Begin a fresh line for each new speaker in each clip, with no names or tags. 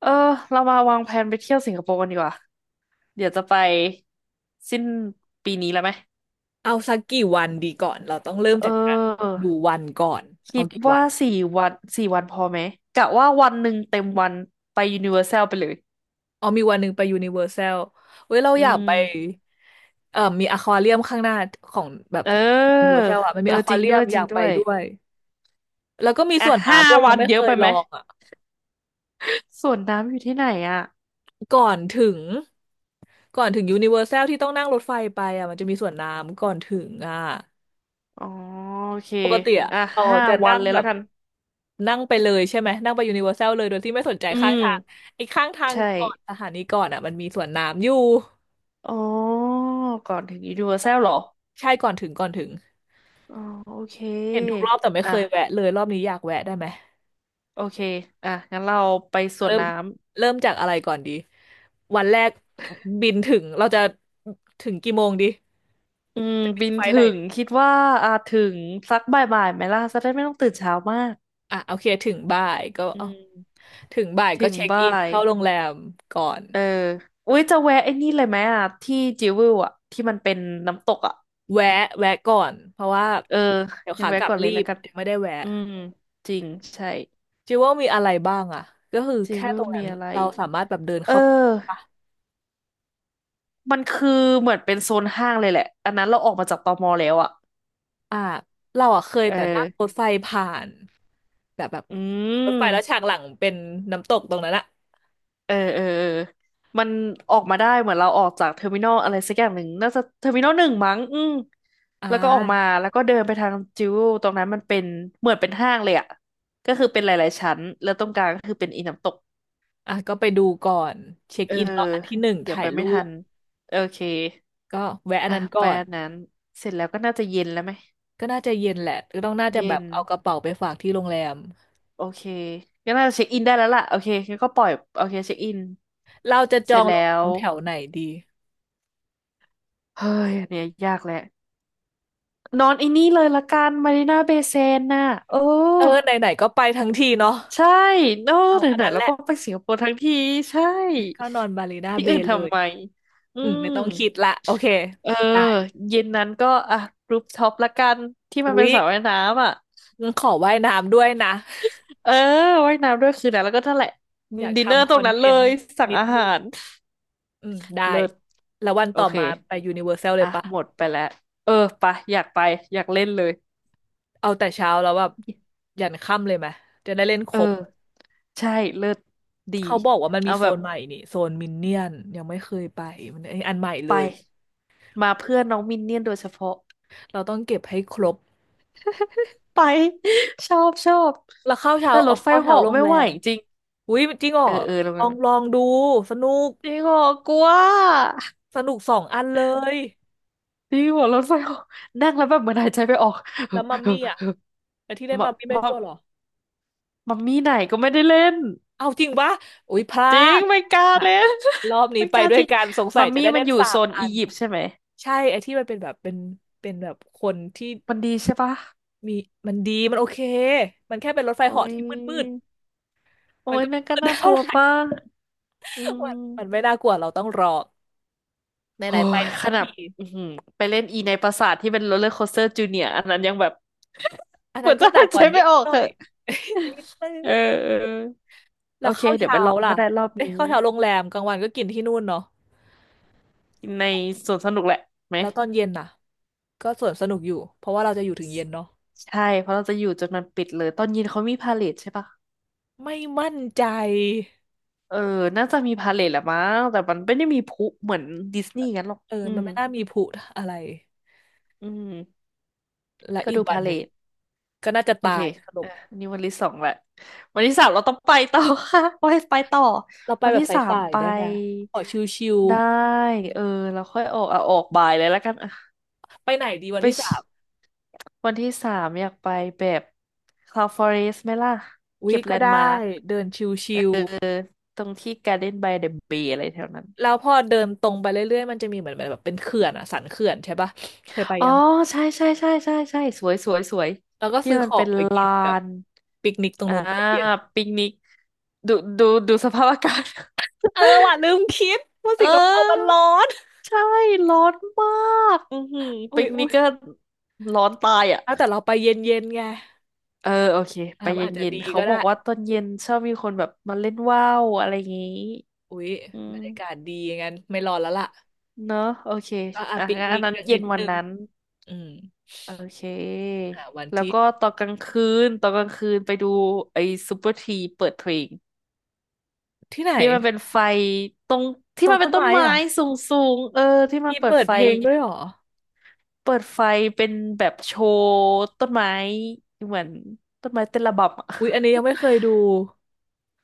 เออเรามาวางแผนไปเที่ยวสิงคโปร์กันดีกว่าเดี๋ยวจะไปสิ้นปีนี้แล้วไหม
เอาสักกี่วันดีก่อน เราต้องเริ่ม
เอ
จากการ
อ
ดูวันก่อนเอา
คิด
กี่วั
ว่า
น
สี่วันสี่วันพอไหมกะว่าวันหนึ่งเต็มวันไปยูนิเวอร์แซลไปเลย
เอามีวันหนึ่งไปยูนิเวอร์แซลเว้ยเรา
อื
อยากไป
ม
มีอควาเรียมข้างหน้าของแบบ
เอ
ยูนิเวอ
อ
ร์แซลอ่ะมัน
เอ
มี
อ
อค
จ
วา
ริง
เรีย
ด้ว
ม
ย
อ
จริ
ยา
ง
ก
ด้
ไป
วย
ด้วย แล้วก็มีส
อ่ะ
วน
ห้า
น้ำด้วยยั
วั
ง
น
ไม่
เย
เค
อะ
ย
ไป
ล
ไหม
องอ่ะ
ส่วนน้ำอยู่ที่ไหนอ่ะ
ก่อนถึงก่อนถึงยูนิเวอร์แซลที่ต้องนั่งรถไฟไปอ่ะมันจะมีสวนน้ำก่อนถึงอ่ะ
อ๋อโอเค
ปกติอ่ะ
อ่ะ
เรา
ห้า
จะ
วั
นั่
น
ง
เลย
แบ
แล้ว
บ
กัน
นั่งไปเลยใช่ไหมนั่งไปยูนิเวอร์แซลเลยโดยที่ไม่สนใจ
อื
ข้าง
ม
ทางไอ้ข้างทาง
ใช่
ก่อนสถานีก่อนอ่ะมันมีสวนน้ำอยู่
อ๋อก่อนถึงยูนิเวอร์แซลเหรอ
ใช่ก่อนถึง
อ๋อโอเค
เห็นทุกรอบแต่ไม่เค
อ่ะ
ยแวะเลยรอบนี้อยากแวะได้ไหม
โอเค อ่ะ งั้นเราไปสวน
เริ่ม
น้ำ
เริ่มจากอะไรก่อนดีวันแรกบินถึงเราจะถึงกี่โมงดี
อืมบิน
ไฟล์
ถึ
ไหน
งคิดว่าอ่ะถึงสักบ่ายๆไหมล่ะจะได้ไม่ต้องตื่นเช้ามาก
อ่ะโอเคถึงบ่ายก็
อื
เอา
ม
ถึงบ่าย
ถึ
ก็
ง
เช็ค
บ่า
อิน
ย
เข้าโรงแรมก่อน
เอออุ้ยจะแวะไอ้นี่เลยไหมอ่ะที่จิวเวลอ่ะที่มันเป็นน้ำตกอ่ะ
แวะแวะก่อนเพราะว่า
เออ
เดี๋ยว
งั้น
ขา
แวะ
กลับ
ก่อนเล
รี
ยแล้ว
บ
กัน
ไม่ได้แวะ
อืมจริงใช่
จิวว่ามีอะไรบ้างอ่ะก็คือ
จิว
แค่
เว
ตร
ล
งนั้
มี
น
อะไร
เราสามารถแบบเดิน
เอ
เข้าไปปะ
อมันคือเหมือนเป็นโซนห้างเลยแหละอันนั้นเราออกมาจากตมแล้วอ่ะ
อ่าเราอ่ะเคย
เออ
แต่นั่งรถไฟผ่านแบบ
อื
รถไฟแล้วฉาก
ม
หลังเป็นน้ำตกตรงนั้นอ่ะ
เออเออเออมันออกมาได้เหมือนเราออกจากเทอร์มินอลอะไรสักอย่างหนึ่งน่าจะเทอร์มินอลหนึ่งมั้งอืม
อ่
แล้วก็ออกมา
า
แล้วก็เดินไปทางจิวตรงนั้นมันเป็นเหมือนเป็นห้างเลยอะก็คือเป็นหลายๆชั้นแล้วตรงกลางก็คือเป็นอีน้ำตก
อ่ะก็ไปดูก่อนเช็ค
เออ
อินรอบอันที่หนึ่ง
เดี๋ยว
ถ่า
ไป
ยรู
ไม่ทั
ป
นโอเค
ก็แวะอัน
อ่ะ
นั้นก่
ไป
อน
อันนั้นเสร็จแล้วก็น่าจะเย็นแล้วไหม
ก็น่าจะเย็นแหละก็ต้องน่าจะแบ
เย็
บ
น
เอากระเป๋าไปฝากที่โรงแรม
โอเคก็น่าจะเช็คอินได้แล้วล่ะโอเคงั้นก็ปล่อยโอเคเช็คอิน
เราจะจ
เส
อ
ร็จ
งโรง
แล้
แร
ว
มแถวไหนดี
เฮ้ยอันเนี่ยยากแหละ นอนไอ้นี่เลยละกันมารีนาเบย์เซนน่ะโอ้
เออไหนๆก็ไปทั้งทีเนาะ
ใช่โอ้
เอาอัน
ไหน
นั้
ๆ
น
แล้
แห
ว
ละ
ก็ไปสิงคโปร์ทั้งทีใช่
เข้านอนบาลีนา
ที่
เบ
อื่น
ย์เล
ทำ
ย
ไมอื
อืมไม่
ม
ต้องคิดละโอเค
เออ
ได้
เย็นนั้นก็อ่ะรูฟท็อปละกันที่มั
อุ๊
นเป็น
ย
สระว่ายน้ำอ่ะ
งั้นขอว่ายน้ำด้วยนะ
เออว่ายน้ำด้วยคืนนั้นแล้วก็นั่นแหละ
อยาก
ดินเนอร์
ทำค
ตร
อ
ง
น
นั้น
เท
เล
น
ย
ต์
สั่ง
นิด
อา
นึ
หา
ง
ร
อืมได้
เลิศ
แล้ววัน
โอ
ต่อ
เค
มาไปยูนิเวอร์แซลเล
อ่ะ
ยปะ
หมดไปแล้วเออไปะอยากไปอยากเล่นเลย
เอาแต่เช้าแล้วแบบยันค่ำเลยไหมจะได้เล่นค
เอ
รบ
อใช่เลิศดี
เขาบอกว่ามันมี
เอา
โซ
แบบ
นใหม่นี่โซนมินเนี่ยนยังไม่เคยไปมันอันใหม่เล
ไป
ย
มาเพื่อนน้องมินเนี่ยนโดยเฉพาะ
เราต้องเก็บให้ครบ
ไป ชอบชอบ
แล้วข้าวเช้า
แต่
อ
ร
อก
ถไฟ
ข้าวเช้า
เหาะ
โรง
ไม่
แร
ไหว
ม
จริง
อุ๊ยจริงเหร
เอ
อ
อเออลงมา
ลองดูสนุก
จริงเหรอกลัว
สนุกสองอันเลย
จริงเหรอรถไฟเหาะนั่งแล้วแบบเหมือนหายใจไม่ออก
แล้วมัมมี่อ่ะแต่ที่เล่ น
มา
มัมมี่ไม่
มา
กลัวเหรอ
มัมมี่ไหนก็ไม่ได้เล่น
เอาจริงปะอุ๊ยพลา
จริง
ด
ไม่กล้า
อ่ะ
เล่น
รอบ นี้
ไม่
ไป
กล้า
ด้ว
จ
ย
ริง
กันสงสั
มั
ย
ม
จะ
มี่
ได้
มั
เล่
น
น
อยู่
สา
โซ
ม
น
อั
อี
น
ยิปต์ใช่ไหม
ใช่ไอ้ที่มันเป็นแบบเป็นเป็นแบบคนที่
มันดีใช่ปะ
มีมันดีมันโอเคมันแค่เป็นรถไฟ
โอ้
เหาะที่มืด
ยโอ้
มัน
ย
ก็ไม่
นั่น
มื
ก็
ด
น่าก
เท่า
ลัว
ไหร่
ป่ะอื
มันไม่
ม
น่ากลัวเราต้องรอ
โอ้
ไหนๆไป
ย
ทั้ง
ขนา
ที
ดอื้อหือไปเล่นอีในปราสาทที่เป็นโรลเลอร์โคสเตอร์จูเนียอันนั้นยังแบบ
อัน
เหมื
นั้
อ
น
น
ก็
จะ
หนั
หา
ก
ย
ก
ใจ
ว่านิ
ไม่
ด
ออก
หน่อ
เห
ย
อะ
นิ ดนึง
เออเออ
แล้
โอ
ว
เค
เข้าว
เดี๋ยวไป
เช้า
ลอง
ล่ะ
ก็ได้รอบ
เอ๊ะ
นี้
เข้าวเช้าโรงแรมกลางวันก็กินที่นู่นเนาะ
ในสวนสนุกแหละไหม
แล้วตอนเย็นน่ะก็สวนสนุกอยู่เพราะว่าเราจะอยู่ถึงเย็นเนาะ
ใช่ เพราะเราจะอยู่จนมันปิดเลย ตอนเย็นเขามีพาเลทใช่ปะ
ไม่มั่นใจ
เออน่าจะมีพาเลทแหละมั้งแต่มันไม่ได้มีพลุเหมือนดิสนีย์งั้นหรอก
เออ
อื
มัน
ม
ไม่น่ามีผุอะไร
อืม
และ
ก็
อีก
ดู
วั
พา
นห
เล
นึ่ง
ท
ก็น่าจะ
โอ
ตา
เค
ยสรุป
อ่ะนี่วันที่สองแหละวันที่สามเราต้องไปต่อค่ะ ไปไปต่อ
เราไป
วัน
แบบ
ที่
ส
สาม
าย
ไป
ๆได้ไหมขอชิว
ได้เออ เราค่อยออกอ่ะออกบ่ายเลยแล้วกันอ่ะ
ๆไปไหนดีวัน
ไป
ที่สา
ชิ
ม
วันที่สามอยากไปแบบ Cloud Forest ไหมล่ะ
อุ๊ย
เก็บแล
ก็
น
ได้
ด์มาร์ค
เดินชิว
ตรงที่ Garden by the Bay อะไรแถวนั้น
ๆแล้วพอเดินตรงไปเรื่อยๆมันจะมีเหมือนแบบเป็นเขื่อนอะสันเขื่อนใช่ปะเคยไป
อ๋อ
ยัง
ใช่ใช่ใช่ใช่ใช่สวยสวยสวย
แล้วก็
ที่
ซื้อข
มัน
อ
เป็
ง
น
ไปกิ
ลา
นแบบ
น
ปิกนิกตรง
อ่า
นู้นตอนเย็น
ปิกนิกดูดูดูสภาพอากาศ
เออว่ะลืมคิดว่า
เอ
สิ
อ
งคโปร์มันร้อน
ใช่ร้อนมากอือหือ
อุ๊
ปิ
ย
กนิ
อุ๊
ก
ย
ก็ร้อนตายอ่ะ
แล้วแต่เราไปเย็นๆไง
เออโอเค
อ่ะ
ไปเ
อาจจะ
ย็น
ดี
ๆเขา
ก็
บ
ได้
อกว่าตอนเย็นชอบมีคนแบบมาเล่นว่าวอะไรอย่างงี้
อุ๊ย
อื
บ
ม
รรยากาศดีงั้นไม่ร้อนแล้วล่ะ
เนอะโอเค
ก็อ่ะ
อ่ะ
ปิก
งั้นอั
นิ
น
ก
นั้น
กัน
เย็
นิ
น
ด
วั
นึ
น
ง
นั้น
อืม
โอเค
อ่ะวัน
แล้ว
ที่
ก็ตอนกลางคืนตอนกลางคืนไปดูไอ้ซูเปอร์ทรีเปิดเพลง
ที่ไหน
ที่มันเป็นไฟตรง
ต
ที่
รง
มันเป็
ต้
น
น
ต้น
ไม้
ไม้
อ่ะ
สูงๆเออที่มัน
มี
เปิด
เปิด
ไฟ
เพลงด้วยเหรอ
เปิดไฟเป็นแบบโชว์ต้นไม้เหมือนต้นไม้เต้นระบำอ่ะ
อุ๊ย อันนี้ยังไม่เคยดู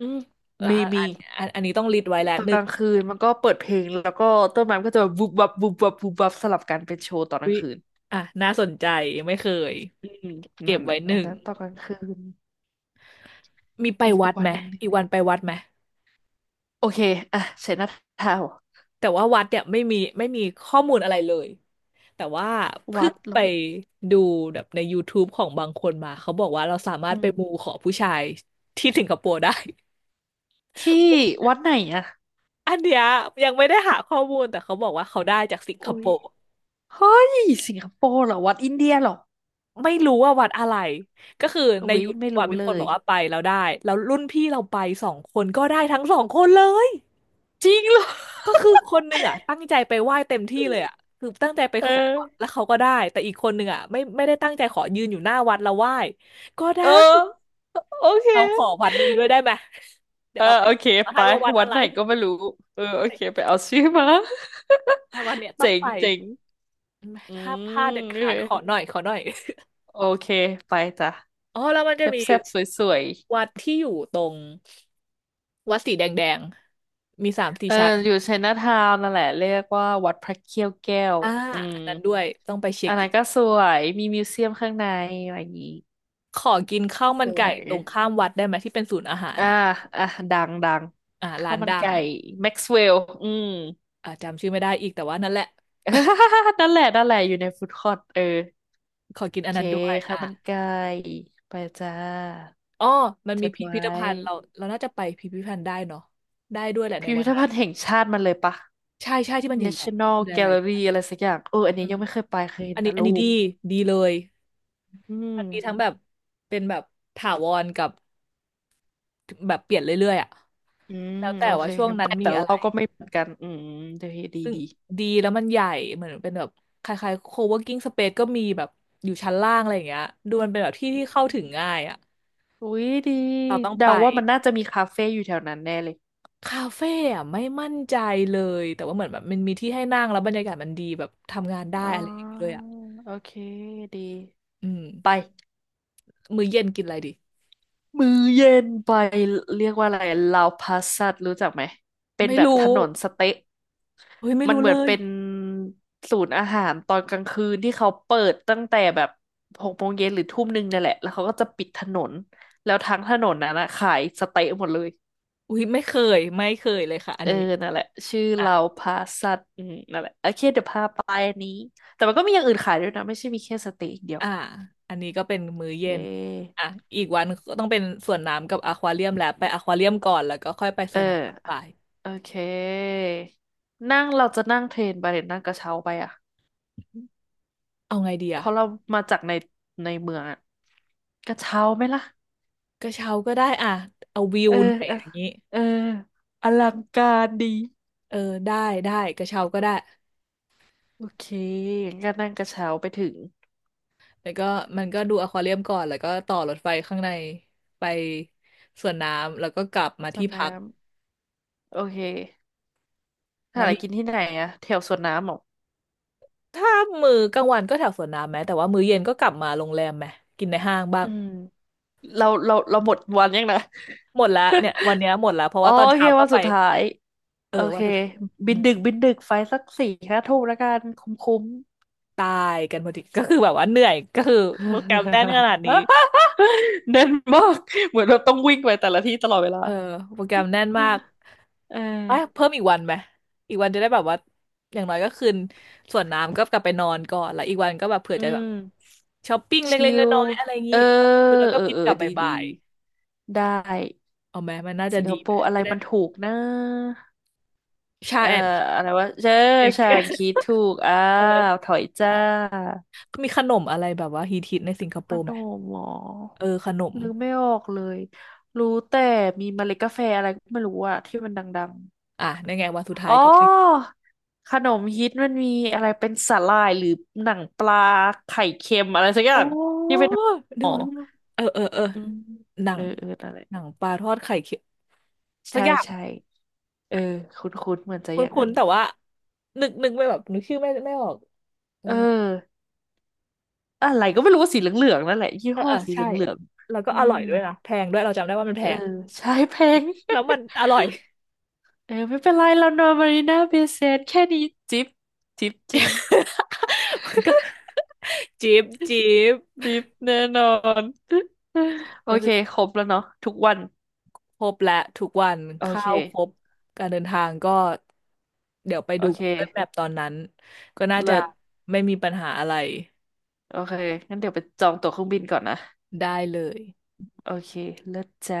อืม
เออ
มี
อ่ะ
มี
อันอันนี้ต้องลิสต์ไว้แล้ว
ตอน
หนึ่
ก
ง
ลางคืนมันก็เปิดเพลงแล้วก็ต้นไม้มันก็จะแบบบุบบับบุบบับบุบบับสลับกันเป็นโชว์ตอนก
อุ๊
ลา
ย
งคืน
อ่ะน่าสนใจยังไม่เคย
อืม
เก็
นั่
บ
นแห
ไว้
ละ
ห
อั
นึ่
น
ง
นั้นตอนกลางคืน
มีไป
อีก
วัด
วั
ไหม
นหนึ่ง
อีกวันไปวัดไหม
โอเคอ่ะเสร็จแล้วทาว
แต่ว่าวัดเนี่ยไม่มีข้อมูลอะไรเลย แต่ว่าเพิ่
วัด
งไป
แล้ว
ดูแบบใน YouTube ของบางคนมาเขาบอกว่าเราสามาร
อื
ถไป
ม
มูขอผู้ชายที่สิงคโปร์ได้
ที่วัดไหนอ่ะ
อันเนี้ยยังไม่ได้หาข้อมูลแต่เขาบอกว่าเขาได้จากสิงค
โอ้
โป
ย
ร์
เฮ้ยสิงคโปร์เหรอวัดอินเดียเหรอ
ไม่รู้ว่าวัดอะไรก็คือ
โอ้
ใน
ย
ยูทู
ไม่
บอะ
รู้
มี
เล
คนบ
ย
อกว่าไปแล้วได้แล้วรุ่นพี่เราไปสองคนก็ได้ทั้งสองคนเลย
จริงเหรอ
ก็คือคนหนึ่งอ่ะตั้งใจไปไหว้เต็มที่เลยอ่ะคือตั้งใจไป
เอ
ขออะแล้
อ
วเขาก็ได้แต่อีกคนหนึ่งอ่ะไม่ได้ตั้งใจขอยืนอยู่หน้าวัดแล้วไหว้ก็ได้
เออโอเค
เราขอวัดนี้ด้วยได้ไหม เดี๋
เอ
ยว
อ
เราไป
โอเค
มา
ไป
ให้ว่าวัด
วั
อะ
ด
ไร
ไหนก็ไม่รู้เออโอเคไปเอาชื่อมา
แต่วัดเนี้ย ต้อ
เจ๋
ง
ง
ไป
เจ๋งอื
ถ้าพลาดเด็
ม
ด
โอ
ขาดขอห
เค
น่อยขอหน่อย
โอเคไปจ้ะ
อ๋อแล้วมันจะ
แซ่บ
มี
แซบสวยสวย
วัดที่อยู่ตรงวัดสีแดงแดงมีสาม
ๆ
สี่
เออ
ชั้น
อยู่ไชน่าทาวน์นั่นแหละเรียกว่าวัดพระเขี้ยวแก้ว
อ่า
อืม
อันนั้นด้วยต้องไปเช็
อั
ค
น
อิ
นั้น
น
ก็สวยมีมิวเซียมข้างในอะไรอย่างงี้
ขอกินข้าวมั
ส
น
ว
ไก่
ย
ตรงข้ามวัดได้ไหมที่เป็นศูนย์อาหาร
อ่า
อ่ะ
อ่ะดังดัง
อ่า
ข้า
ร้า
ว
น
มัน
ดัง
ไก่แม็กซ์เวลอืม
อ่าจำชื่อไม่ได้อีกแต่ว่านั่นแหละ
นั่นแหละนั่นแหละอยู่ในฟู้ดคอร์ทเออ
ขอกินอัน
เค
นั้นด้วย
ข้า
อ่า
วมันไก่ไปจ้า
อ๋อมัน
จ
มี
ด
พิ
ไว้
พิธภัณฑ์เราน่าจะไปพิพิธภัณฑ์ได้เนาะได้ด้วยแหละใน
พิ
วั
พิ
น
ธ
นั้น
ภัณฑ์แห่งชาติมันเลยปะ
ใช่ใช่ที่มันใหญ่
National
ๆมีหลายๆ
Gallery
ชั้น
อะไรสักอย่างเอออัน
เอ
นี้
อ
ยังไม่เคยไปเคยเห็น
อัน
แต่
นี้อัน
รู
นี้
ป
ดีดีเลย
อื
มันมีทั้ง
ม
แบบเป็นแบบถาวรกับแบบเปลี่ยนเรื่อยๆอ่ะ
อืม
แล้วแต่
โอเค
ว่าช่วง
งั้น
นั้
ไป
นมี
แต่
อะไร
เราก็ไม่เหมือนกันอืมเดี๋ยวดี
ซึ่ง
ดี
ดีแล้วมันใหญ่เหมือนเป็นแบบคล้ายๆ co-working space ก็มีแบบอยู่ชั้นล่างอะไรอย่างเงี้ยดูมันเป็นแบบที่เข้าถึงง่ายอ่ะ
อุ๊ยดี
เราต้องไป
เดาว่ามันน่าจะมีคาเฟ่อยู่แถวนั้นแน่เลย
คาเฟ่อะไม่มั่นใจเลยแต่ว่าเหมือนแบบมันมีที่ให้นั่งแล้วบรรยากาศมันดีแบบทำงานได้
อ๋อ
อะไรอย่างเงี้ยเลยอ่ะ
โอเคดี
อืม
ไป
มื้อเย็นกินอะไรดี
มื้อเย็นไปเรียกว่าอะไรลาวพาสัตรู้จักไหมเป็น
ไม่
แบบถ
รู้
นนสเต๊ะ
อุ้ยไม่
มัน
รู้
เห
เล
มือน
ย
เป็นศูนย์อาหารตอนกลางคืนที่เขาเปิดตั้งแต่แบบหกโมงเย็นหรือทุ่มหนึ่งนั่นแหละแล้วเขาก็จะปิดถนนแล้วทั้งถนนนั้นนะขายสเต๊ะหมดเลย
อุ้ยไม่เคยเลยค่ะอั
เอ
น
อ
นี้
นั่นแหละชื่อ
อ่ะ
เราพาสัตว์อืมนั่นแหละโอเคเดี๋ยวพาไปอันนี้แต่มันก็มีอย่างอื่นขายด้วยนะไม่ใช่มีแค่สเต๊ะอย่างเดียว
อ่าอันนี้ก็เป็นมื้
โอ
อ
เค
เย็นอ่ะอีกวันก็ต้องเป็นสวนน้ำกับอควาเรียมแล้วไปอควาเรียมก่อนแล้วก็ค่อยไปส
เอ
วนน้ำตอน
อ
บ่าย
โอเคนั่งเราจะนั่งเทรนไปหรือนั่งกระเช้าไปอ่ะ
เอาไงดี
เพ
อะ
ราะเรามาจากในเมืองอ่ะกระเช้าไหมล่ะ
กระเช้าก็ได้อะเอาวิ
เอ
ว
อ
หน่อย
เออ
อย่างนี้
เอออลังการดี
เออได้ได้กระเช้าก็ได้
โอเคงั้นก็นั่งกระเช้าไปถึง
แล้วก็มันก็ดูอควาเรียมก่อนแล้วก็ต่อรถไฟข้างในไปสวนน้ำแล้วก็กลับมา
สว
ที่
นน้
พัก
ำโอเคถา
แล้
อะ
ว
ไร
มี
กินที่ไหนอะแถวสวนน้ำเหรอ
ถ้ามื้อกลางวันก็แถวสวนน้ำไหมแต่ว่ามื้อเย็นก็กลับมาโรงแรมไหมกินในห้างบ้า
อื
ง
มเราหมดวันยังนะ
หมดละเนี่ยวันเนี้ยหมดละเพราะ
อ๋อ
ว่าตอน
โอเค
เช้าก็
วัน
ไป
สุดท้าย
เออ
โอ
วั
เค
นสุดท้ายอื
บิน
ม
ดึกบินดึกไฟสักสี่ห้าทุ่มแล้วกันคุ้มคุ้ม
ตายกันพอดีก็คือแบบว่าเหนื่อยก็คือโปรแกรมแน่นข นาดนี้
แน่ นมากเหมือนเราต้องวิ่งไปแต่ละที่ตลอดเวลา
เออโปรแกรมแน่นมาก
เอ
เอ้ย
อ
เพิ่มอีกวันไหม อีกวันจะได้แบบว่าอย่างน้อยก็คืนส่วนน้ำก็กลับไปนอนก่อนแล้วอีกวันก็แบบเผื่อ
อื
จะแบบ
ม
ช้อปปิ้ง
ชิ
เล็กๆ
ล
น้อยๆอะไรอย่าง
เอ
นี้
อ
ดูแล้วก็
เออ
บิน
เออ
กลับ
ดีดี
บ่าย
ดี ได้
ๆ เอาไหมมันน่าจะ
สิงค
ดี
โป
ไหม
ร์อะไร
จะได้
มัน
แบบ
ถูกนะ
ชา
เอ่อ
แอนด์
อะไรวะเจอ
เค้
ฉันคิด
ก
ถูกอ้า
เอ
ว
อ
ถอยจ้า
มีขนมอะไรแบบว่าฮิตๆในสิงคโป
พ
ร์
น
ไหม
มหมอ
เออขนม
นึกไม่ออกเลยรู้แต่มีเมล็ดกาแฟอะไรก็ไม่รู้อะที่มันดัง
อ่ะนั่นไงวันสุด
ๆ
ท้า
อ๋
ย
อ
ก็ไป
ขนมฮิตมันมีอะไรเป็นสาหร่ายหรือหนังปลาไข่เค็มอะไรสักอ
โอ
ย่าง
้
ที่เป็น
นึ
หม
กอ
อ
อกแล้วนึกออกเออเออเออ
อืม
หนั
เอ
ง
อเอออะไร
หนังปลาทอดไข่เค็มสั
ใช่
กอย่าง
ใช่เออคุ้นๆเหมือนจะ
ค
อย่าง
ุ้
นั้
น
น
ๆแต่ว่านึกไม่แบบนึกชื่อไม่ออกเออ
เออ อะไรก็ไม่รู้ว่าสีเหลืองๆนั่นแหละยี่
เออ
ห้อ
เออ
สีเห
ใช่
ลือง
แล้ว
ๆ
ก็
อื
อร่อ
ม
ยด้วยนะแพงด้วยเราจำได้ว่ามันแพ
เออ
ง
ใช้แพง
แล้วมันอร่อย
เออไม่เป็นไรเรานอนมารีนาเบย์เซนแค่นี้จิบจิบจริง
มันก็ จี๊บจี๊บ
จิบแน่นอนโอ
ก็
เค
คือ
ครบแล้วเนาะทุกวัน
ครบและทุกวัน
โอ
ข้า
เค
วครบการเดินทางก็เดี๋ยวไป
โอ
ดู
เค
Google Map ตอนนั้นก็น่า
เลิ
จะ
ศ
ไม่มีปัญหาอะไร
โอเคงั้นเดี๋ยวไปจองตั๋วเครื่องบินก่อนนะ
ได้เลย
โอเคเลิศจ้า